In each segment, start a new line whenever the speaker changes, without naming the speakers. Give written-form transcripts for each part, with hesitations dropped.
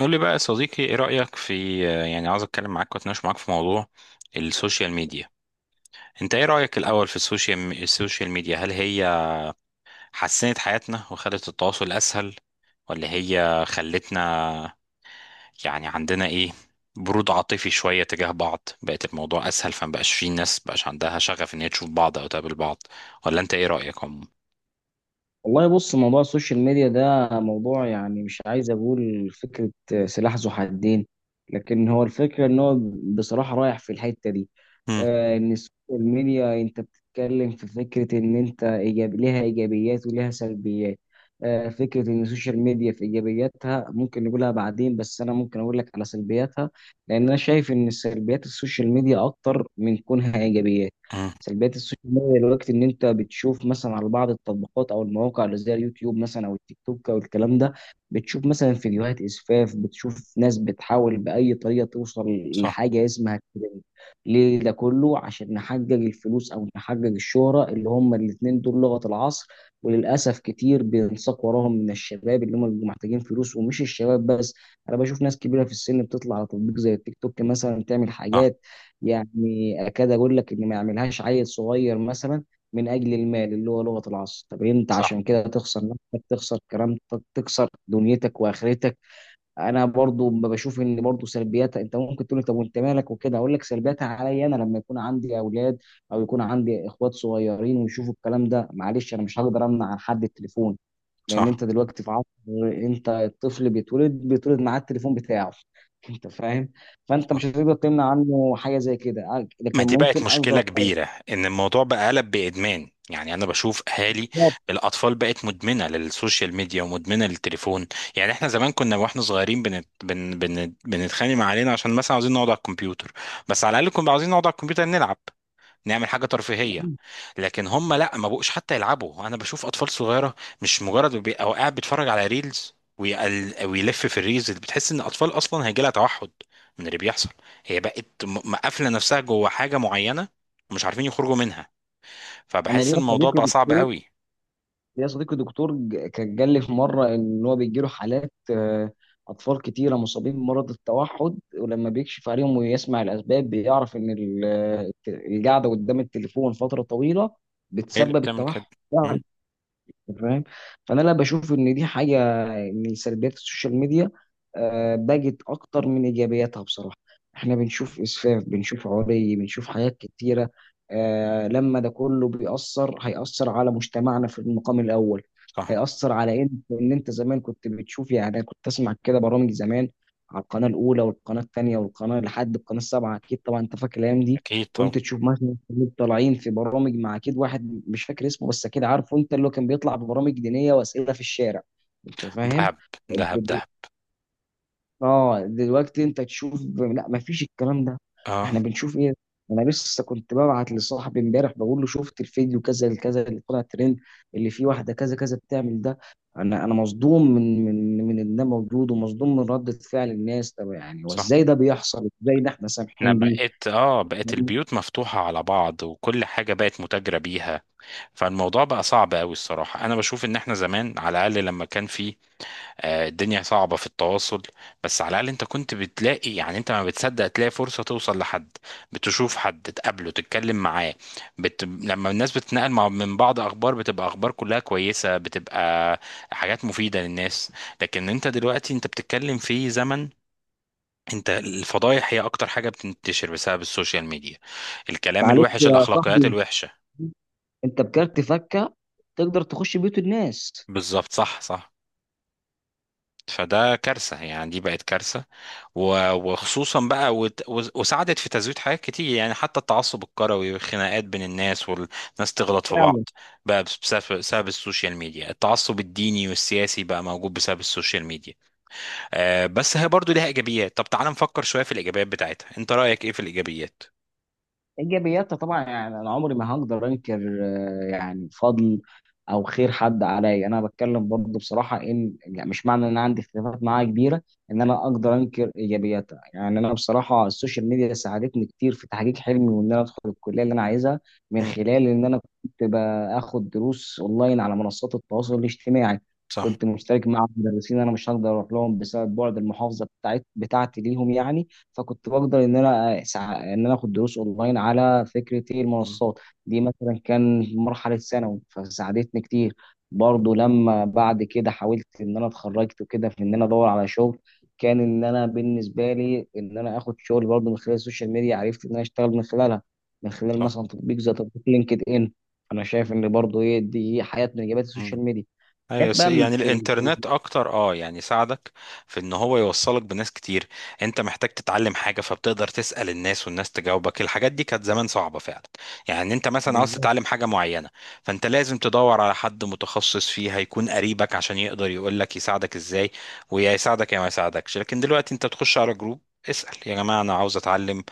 قول لي بقى يا صديقي، ايه رأيك في، يعني عاوز اتكلم معاك واتناقش معاك في موضوع السوشيال ميديا. انت ايه رأيك الاول في السوشيال ميديا؟ هل هي حسنت حياتنا وخلت التواصل اسهل، ولا هي خلتنا يعني عندنا ايه، برود عاطفي شوية تجاه بعض، بقت الموضوع اسهل، فما بقاش في ناس بقاش عندها شغف ان هي تشوف بعض او تقابل بعض؟ ولا انت ايه رأيك عموما؟
والله بص، موضوع السوشيال ميديا ده موضوع مش عايز اقول فكرة سلاح ذو حدين. لكن هو الفكرة ان هو بصراحة رايح في الحتة دي.
مم،
ان السوشيال ميديا، انت بتتكلم في فكرة ان انت إيجاب ليها ايجابيات وليها سلبيات. فكرة ان السوشيال ميديا، في ايجابياتها ممكن نقولها بعدين، بس انا ممكن اقول لك على سلبياتها، لان انا شايف ان سلبيات السوشيال ميديا اكتر من كونها ايجابيات.
مم.
سلبيات السوشيال ميديا دلوقتي ان انت بتشوف مثلا على بعض التطبيقات او المواقع اللي زي اليوتيوب مثلا او التيك توك او الكلام ده، بتشوف مثلا فيديوهات اسفاف، بتشوف ناس بتحاول باي طريقه توصل
صح.
لحاجه اسمها الترند. ليه ده كله؟ عشان نحقق الفلوس او نحقق الشهره، اللي هم الاتنين دول لغه العصر. وللاسف كتير بينساق وراهم من الشباب اللي هم بيبقوا محتاجين فلوس، ومش الشباب بس، انا بشوف ناس كبيره في السن بتطلع على تطبيق زي التيك توك مثلا تعمل
صح.
حاجات اكاد اقول لك ان ما يعملهاش عيل صغير مثلا، من اجل المال اللي هو لغه العصر. طب انت
صح.
عشان كده تخسر نفسك، تخسر كرامتك، تخسر دنيتك واخرتك. انا برضو بشوف ان برضو سلبياتها، انت ممكن تقول لي طب وانت مالك؟ وكده. اقول لك سلبياتها عليا انا لما يكون عندي اولاد او يكون عندي اخوات صغيرين ويشوفوا الكلام ده. معلش، انا مش هقدر امنع عن حد التليفون، لان
صح.
انت دلوقتي في عصر، انت الطفل بيتولد، بيتولد معاه التليفون بتاعه. انت فاهم؟ فانت مش هتقدر تمنع عنه حاجه زي كده،
ما
لكن
دي بقت
ممكن
مشكلة
اقدر.
كبيرة، إن الموضوع بقى قلب بإدمان، يعني أنا بشوف أهالي الأطفال بقت مدمنة للسوشيال ميديا ومدمنة للتليفون. يعني إحنا زمان كنا وإحنا صغيرين بنتخانق مع علينا عشان مثلا عاوزين نقعد على الكمبيوتر. بس على الأقل كنا عاوزين نقعد على الكمبيوتر نلعب، نعمل حاجة ترفيهية. لكن هم لا، ما بقوش حتى يلعبوا. انا بشوف اطفال صغيرة مش مجرد او قاعد بيتفرج على ريلز ويلف في الريلز اللي بتحس ان الاطفال اصلا هيجي لها توحد من اللي بيحصل. هي بقت مقفلة نفسها جوه حاجة معينة ومش عارفين يخرجوا منها.
انا
فبحس ان
ليا
الموضوع
صديقي،
بقى صعب قوي.
ليا صديقي دكتور كان قال لي في مره ان هو بيجي له حالات، اطفال كتيره مصابين بمرض التوحد، ولما بيكشف عليهم ويسمع الاسباب بيعرف ان القعده قدام التليفون فتره طويله
هي اللي
بتسبب
بتعمل كده؟
التوحد.
مم؟
أنت فاهم؟ فانا لا، بشوف ان دي حاجه من سلبيات السوشيال ميديا. بقت اكتر من ايجابياتها بصراحه. احنا بنشوف اسفاف، بنشوف عري، بنشوف حاجات كتيره. لما ده كله بيأثر، هيأثر على مجتمعنا في المقام الاول.
صح.
هيأثر على ان انت زمان كنت بتشوف، أنا كنت اسمع كده برامج زمان على القناه الاولى والقناه الثانيه والقناه، لحد القناه السابعه، اكيد طبعا انت فاكر الايام دي.
اكيد. طب.
كنت تشوف مثلا الشباب طالعين في برامج مع، اكيد واحد مش فاكر اسمه بس اكيد عارفه انت، اللي هو كان بيطلع ببرامج دينيه واسئله في الشارع. انت فاهم؟
دهب. دهب.
دل-
دهب.
اه دلوقتي انت تشوف لا، ما فيش الكلام ده.
اه.
احنا بنشوف ايه؟ انا لسه كنت ببعت لصاحبي امبارح بقول له شفت الفيديو كذا الكذا اللي طلع ترند، اللي فيه واحده كذا كذا بتعمل ده. انا مصدوم من ان ده موجود، ومصدوم من رده فعل الناس. طب يعني
صح.
وازاي ده بيحصل؟ ازاي ده احنا
انا
سامحين بيه؟
بقيت البيوت مفتوحة على بعض وكل حاجة بقت متاجرة بيها. فالموضوع بقى صعب قوي الصراحة. أنا بشوف إن إحنا زمان على الأقل لما كان في، الدنيا صعبة في التواصل، بس على الأقل أنت كنت بتلاقي، يعني أنت ما بتصدق تلاقي فرصة توصل لحد، بتشوف حد تقابله تتكلم معاه. لما الناس بتتنقل من بعض أخبار، بتبقى أخبار كلها كويسة، بتبقى حاجات مفيدة للناس. لكن أنت دلوقتي، أنت بتتكلم في زمن انت الفضايح هي اكتر حاجه بتنتشر بسبب السوشيال ميديا، الكلام
معلش
الوحش،
يا
الاخلاقيات
صاحبي،
الوحشه.
انت بكارت فكه تقدر تخش بيوت الناس.
بالظبط. صح. صح. فده كارثة يعني، دي بقت كارثة. وخصوصا بقى وساعدت في تزويد حاجات كتير، يعني حتى التعصب الكروي والخناقات بين الناس، والناس تغلط في
فعلا.
بعض بقى بسبب السوشيال ميديا. التعصب الديني والسياسي بقى موجود بسبب السوشيال ميديا. بس هي برضو ليها إيجابيات. طب تعال نفكر شوية في الإيجابيات بتاعتها، انت رأيك ايه في الإيجابيات؟
ايجابياتها طبعا، انا عمري ما هقدر انكر، يعني فضل او خير حد عليا. انا بتكلم برضه بصراحه ان، يعني مش معنى ان انا عندي اختلافات معاه كبيره ان انا اقدر انكر ايجابياتها. يعني انا بصراحه السوشيال ميديا ساعدتني كتير في تحقيق حلمي وان انا ادخل الكليه اللي انا عايزها، من
مم.
خلال ان انا كنت باخد دروس اونلاين على منصات التواصل الاجتماعي.
صح.
كنت مشترك مع مدرسين انا مش هقدر اروح لهم بسبب بعد المحافظه بتاعتي ليهم يعني. فكنت بقدر ان انا ان انا اخد دروس اونلاين على فكره، ايه
مم.
المنصات دي، مثلا كان مرحله ثانوي، فساعدتني كتير. برضو لما بعد كده حاولت ان انا اتخرجت وكده في ان انا ادور على شغل، كان ان انا بالنسبه لي ان انا اخد شغل برضو من خلال السوشيال ميديا، عرفت ان انا اشتغل من خلالها، من خلال
صح.
مثلا تطبيق زي تطبيق لينكد ان. انا شايف ان برضو ايه، دي حياه من اجابات السوشيال
مم.
ميديا. جت
ايوه،
بقى
يعني
في ال-
الانترنت اكتر، يعني ساعدك في ان هو يوصلك بناس كتير. انت محتاج تتعلم حاجه فبتقدر تسال الناس، والناس تجاوبك. الحاجات دي كانت زمان صعبه فعلا. يعني انت مثلا عاوز
بالظبط.
تتعلم حاجه معينه فانت لازم تدور على حد متخصص فيها يكون قريبك عشان يقدر يقول لك يساعدك ازاي، ويا يساعدك يا ما يساعدكش. لكن دلوقتي انت بتخش على جروب، اسال يا جماعه انا عاوز اتعلم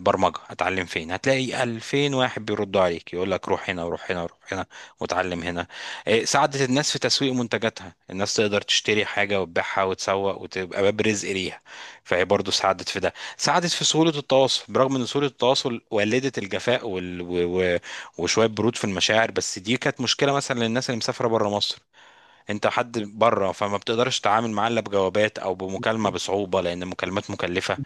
برمجه اتعلم فين، هتلاقي 2000 واحد بيردوا عليك يقول لك روح هنا وروح هنا وروح هنا واتعلم هنا. إيه، ساعدت الناس في تسويق منتجاتها، الناس تقدر تشتري حاجة وتبيعها وتسوق وتبقى باب رزق ليها. فهي برضو ساعدت في ده، ساعدت في سهولة التواصل، برغم ان سهولة التواصل ولدت الجفاء وشوية برود في المشاعر. بس دي كانت مشكلة مثلا للناس اللي مسافرة بره مصر، انت حد بره فما بتقدرش تتعامل معاه الا بجوابات او بمكالمة بصعوبة لان المكالمات مكلفة.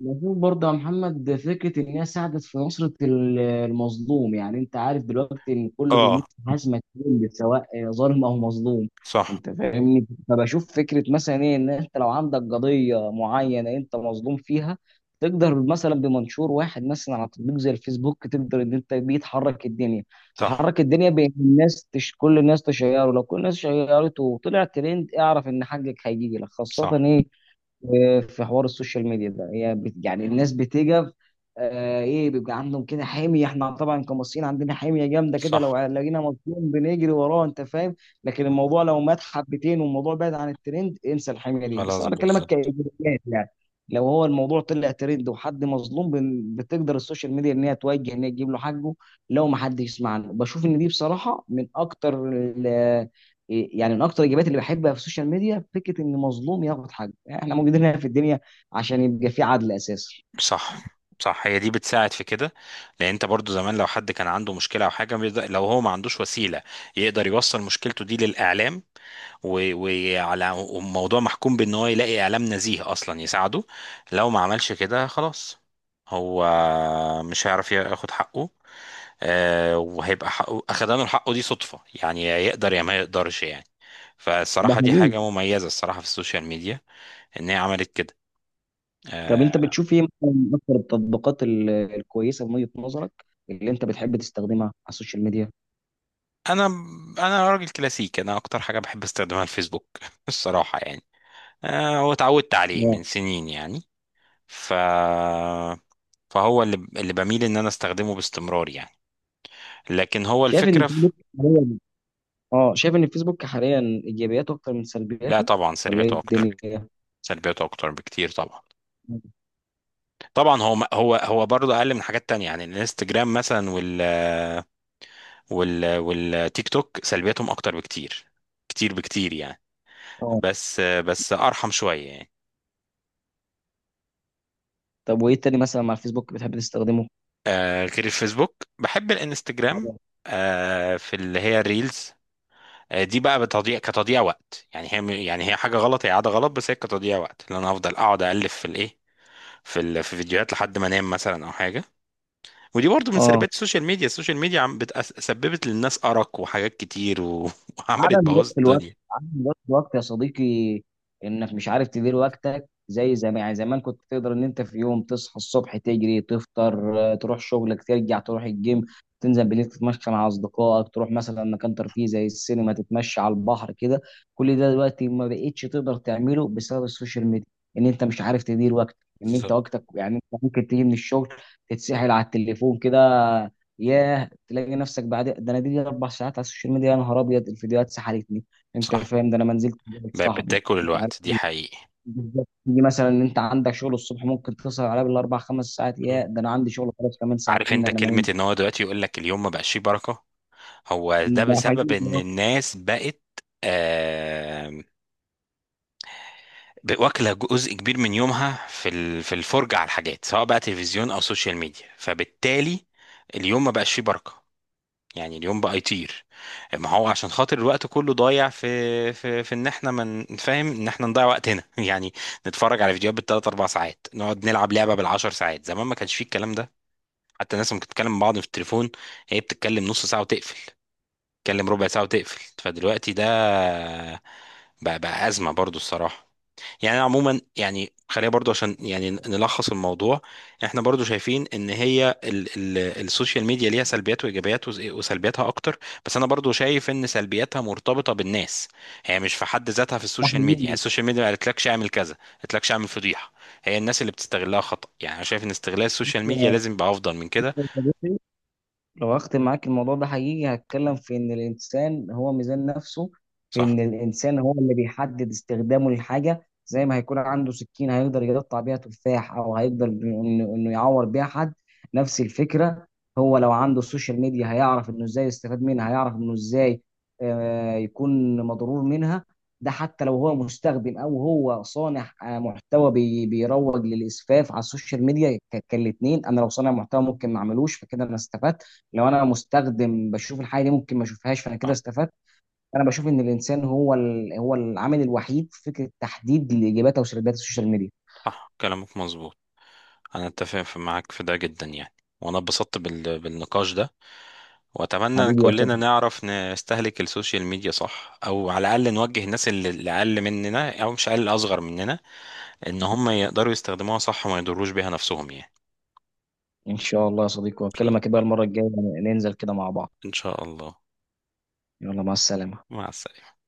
بشوف برضه يا محمد فكرة إن هي ساعدت في نصرة المظلوم. يعني أنت عارف دلوقتي إن كله
اه.
بيموت في حزمة، كل سواء ظالم أو مظلوم.
صح.
أنت فاهمني؟ فبشوف فكرة مثلا إيه، إن أنت لو عندك قضية معينة أنت مظلوم فيها، تقدر مثلا بمنشور واحد مثلا على تطبيق زي الفيسبوك تقدر إن أنت بيه تحرك الدنيا.
صح.
تحرك الدنيا بين الناس، كل الناس تشيره، لو كل الناس شيرته وطلع ترند، اعرف إن حقك هيجي لك، خاصة
صح.
إيه في حوار السوشيال ميديا ده. هي يعني الناس بتجف، ايه بيبقى عندهم كده حميه. احنا طبعا كمصريين عندنا حميه جامده كده،
صح.
لو لقينا مظلوم بنجري وراه، انت فاهم؟ لكن الموضوع لو مات حبتين والموضوع بعد عن الترند، انسى الحميه دي. بس
خلاص،
انا بكلمك
بالظبط.
كايجابيات يعني، لو هو الموضوع طلع ترند وحد مظلوم، بتقدر السوشيال ميديا ان هي توجه، ان هي تجيب له حقه لو ما حدش يسمع له. بشوف ان دي بصراحه من اكتر إيه، يعني من اكتر الاجابات اللي بحبها في السوشيال ميديا، فكره ان مظلوم ياخد حقه. يعني احنا موجودين هنا في الدنيا عشان يبقى في عدل اساسا.
صح. صح. هي دي بتساعد في كده، لان انت برضو زمان لو حد كان عنده مشكله او حاجه لو هو ما عندوش وسيله يقدر يوصل مشكلته دي للاعلام، وعلى وموضوع محكوم بان هو يلاقي اعلام نزيه اصلا يساعده. لو ما عملش كده خلاص هو مش هيعرف ياخد حقه، وهيبقى حقه اخدانه حقه دي صدفه يعني، يا يقدر يا ما يقدرش يعني.
ده
فالصراحه دي
حقيقي.
حاجه مميزه الصراحه في السوشيال ميديا ان هي عملت كده.
طب
آه،
انت بتشوف ايه مثلاً من اكتر التطبيقات الكويسه من وجهه نظرك اللي انت بتحب تستخدمها على السوشيال ميديا؟
انا انا راجل كلاسيكي، انا اكتر حاجه بحب استخدمها الفيسبوك الصراحه يعني. هو اتعودت عليه
آه.
من سنين يعني. ف فهو اللي بميل ان انا استخدمه باستمرار يعني. لكن هو
شايف ان
الفكره
الفيسبوك حاليا، اه شايف ان الفيسبوك حاليا ايجابياته اكتر من
لا
سلبياته،
طبعا
ولا ايه
سلبياته اكتر.
الدنيا؟
سلبياته اكتر بكتير طبعا هو برضه اقل من حاجات تانية، يعني الانستجرام مثلا والتيك توك سلبياتهم اكتر بكتير، كتير بكتير يعني.
اه.
بس بس ارحم شويه يعني.
طب وايه تاني مثلا مع الفيسبوك بتحب تستخدمه؟
غير الفيسبوك بحب الانستجرام. في اللي هي الريلز. دي بقى بتضيع كتضييع وقت يعني، هي يعني هي حاجه غلط، هي عاده غلط، بس هي كتضييع وقت لان انا هفضل اقعد الف في الايه في فيديوهات لحد ما انام مثلا او حاجه. ودي برضو من
اه.
سلبيات السوشيال ميديا سببت للناس ارق وحاجات كتير وعملت
عدم
بوظ
ضبط الوقت،
الدنيا.
عدم ضبط الوقت يا صديقي، انك مش عارف تدير وقتك زي زمان. يعني زمان كنت تقدر ان انت في يوم تصحى الصبح تجري تفطر، تروح شغلك، ترجع تروح الجيم، تنزل بالليل تتمشى مع اصدقائك، تروح مثلا مكان ترفيه زي السينما، تتمشى على البحر كده. كل ده دلوقتي ما بقتش تقدر تعمله بسبب السوشيال ميديا، ان انت مش عارف تدير وقتك. ان انت
بالظبط.
وقتك، يعني انت ممكن تيجي من الشغل تتسحل على التليفون كده، ياه، تلاقي نفسك بعد ده، انا دي 4 ساعات على السوشيال ميديا، يا نهار ابيض الفيديوهات سحلتني. انت
صح.
فاهم؟ ده انا ما نزلت بقابل
بقت
صاحبي
بتاكل
مش عارف
الوقت دي
إيه.
حقيقي.
بالظبط، تيجي مثلا ان انت عندك شغل الصبح ممكن تسهر عليه بال4 5 ساعات، يا
مم.
ده انا عندي شغل خلاص كمان
عارف
ساعتين
انت
انا ما
كلمه
نمت.
ان هو دلوقتي يقول لك اليوم ما بقاش فيه بركه، هو ده
ده
بسبب
حقيقي.
ان الناس بقت آه، واكله جزء كبير من يومها في الفرجه على الحاجات سواء بقى تلفزيون او سوشيال ميديا، فبالتالي اليوم ما بقاش فيه بركه. يعني اليوم بقى يطير، ما هو عشان خاطر الوقت كله ضايع في في ان احنا من فاهم ان احنا نضيع وقتنا يعني، نتفرج على فيديوهات بالثلاث اربع ساعات، نقعد نلعب لعبه بالعشر ساعات. زمان ما كانش فيه الكلام ده. حتى الناس ممكن تتكلم مع بعض في التليفون، هي بتتكلم نص ساعه وتقفل، تتكلم ربع ساعة وتقفل. فدلوقتي ده بقى أزمة برضو الصراحة. يعني أنا عموما يعني خلينا برضو عشان يعني نلخص الموضوع، احنا برضو شايفين ان هي ال ال السوشيال ميديا ليها سلبيات وايجابيات وسلبياتها اكتر. بس انا برضو شايف ان سلبياتها مرتبطة بالناس، هي مش في حد ذاتها في السوشيال ميديا، يعني
ده
السوشيال ميديا ما قالتلكش اعمل كذا، ما قالتلكش اعمل فضيحة، هي الناس اللي بتستغلها خطأ يعني. انا شايف ان استغلال السوشيال ميديا لازم يبقى افضل من كده.
حقيقي. لو اختم معاك الموضوع ده، حقيقي هتكلم في ان الانسان هو ميزان نفسه، في
صح.
ان الانسان هو اللي بيحدد استخدامه للحاجه. زي ما هيكون عنده سكين، هيقدر يقطع بيها تفاح او هيقدر انه يعور بيها حد. نفس الفكره، هو لو عنده السوشيال ميديا هيعرف انه ازاي يستفاد منها، هيعرف انه ازاي يكون مضرور منها. ده حتى لو هو مستخدم او هو صانع محتوى بيروج للاسفاف على السوشيال ميديا، كالاتنين، انا لو صانع محتوى ممكن ما اعملوش فكده انا استفدت، لو انا مستخدم بشوف الحاجه دي ممكن ما اشوفهاش فانا كده
صح.
استفدت. انا بشوف ان الانسان هو هو العامل الوحيد في فكره تحديد لاجاباتها وسردات السوشيال ميديا.
صح، كلامك مظبوط. انا اتفق معاك في ده جدا يعني. وانا اتبسطت بالنقاش ده. واتمنى ان
حبيبي يا
كلنا
صديقي.
نعرف نستهلك السوشيال ميديا صح، او على الاقل نوجه الناس اللي اقل مننا او مش اقل، اصغر مننا، ان هم يقدروا يستخدموها صح وما يضروش بيها نفسهم يعني.
ان شاء الله يا صديقي،
ان شاء الله.
واكلمك بقى المره الجايه، ننزل كده مع بعض.
ان شاء الله.
يلا مع السلامه.
مع السلامة.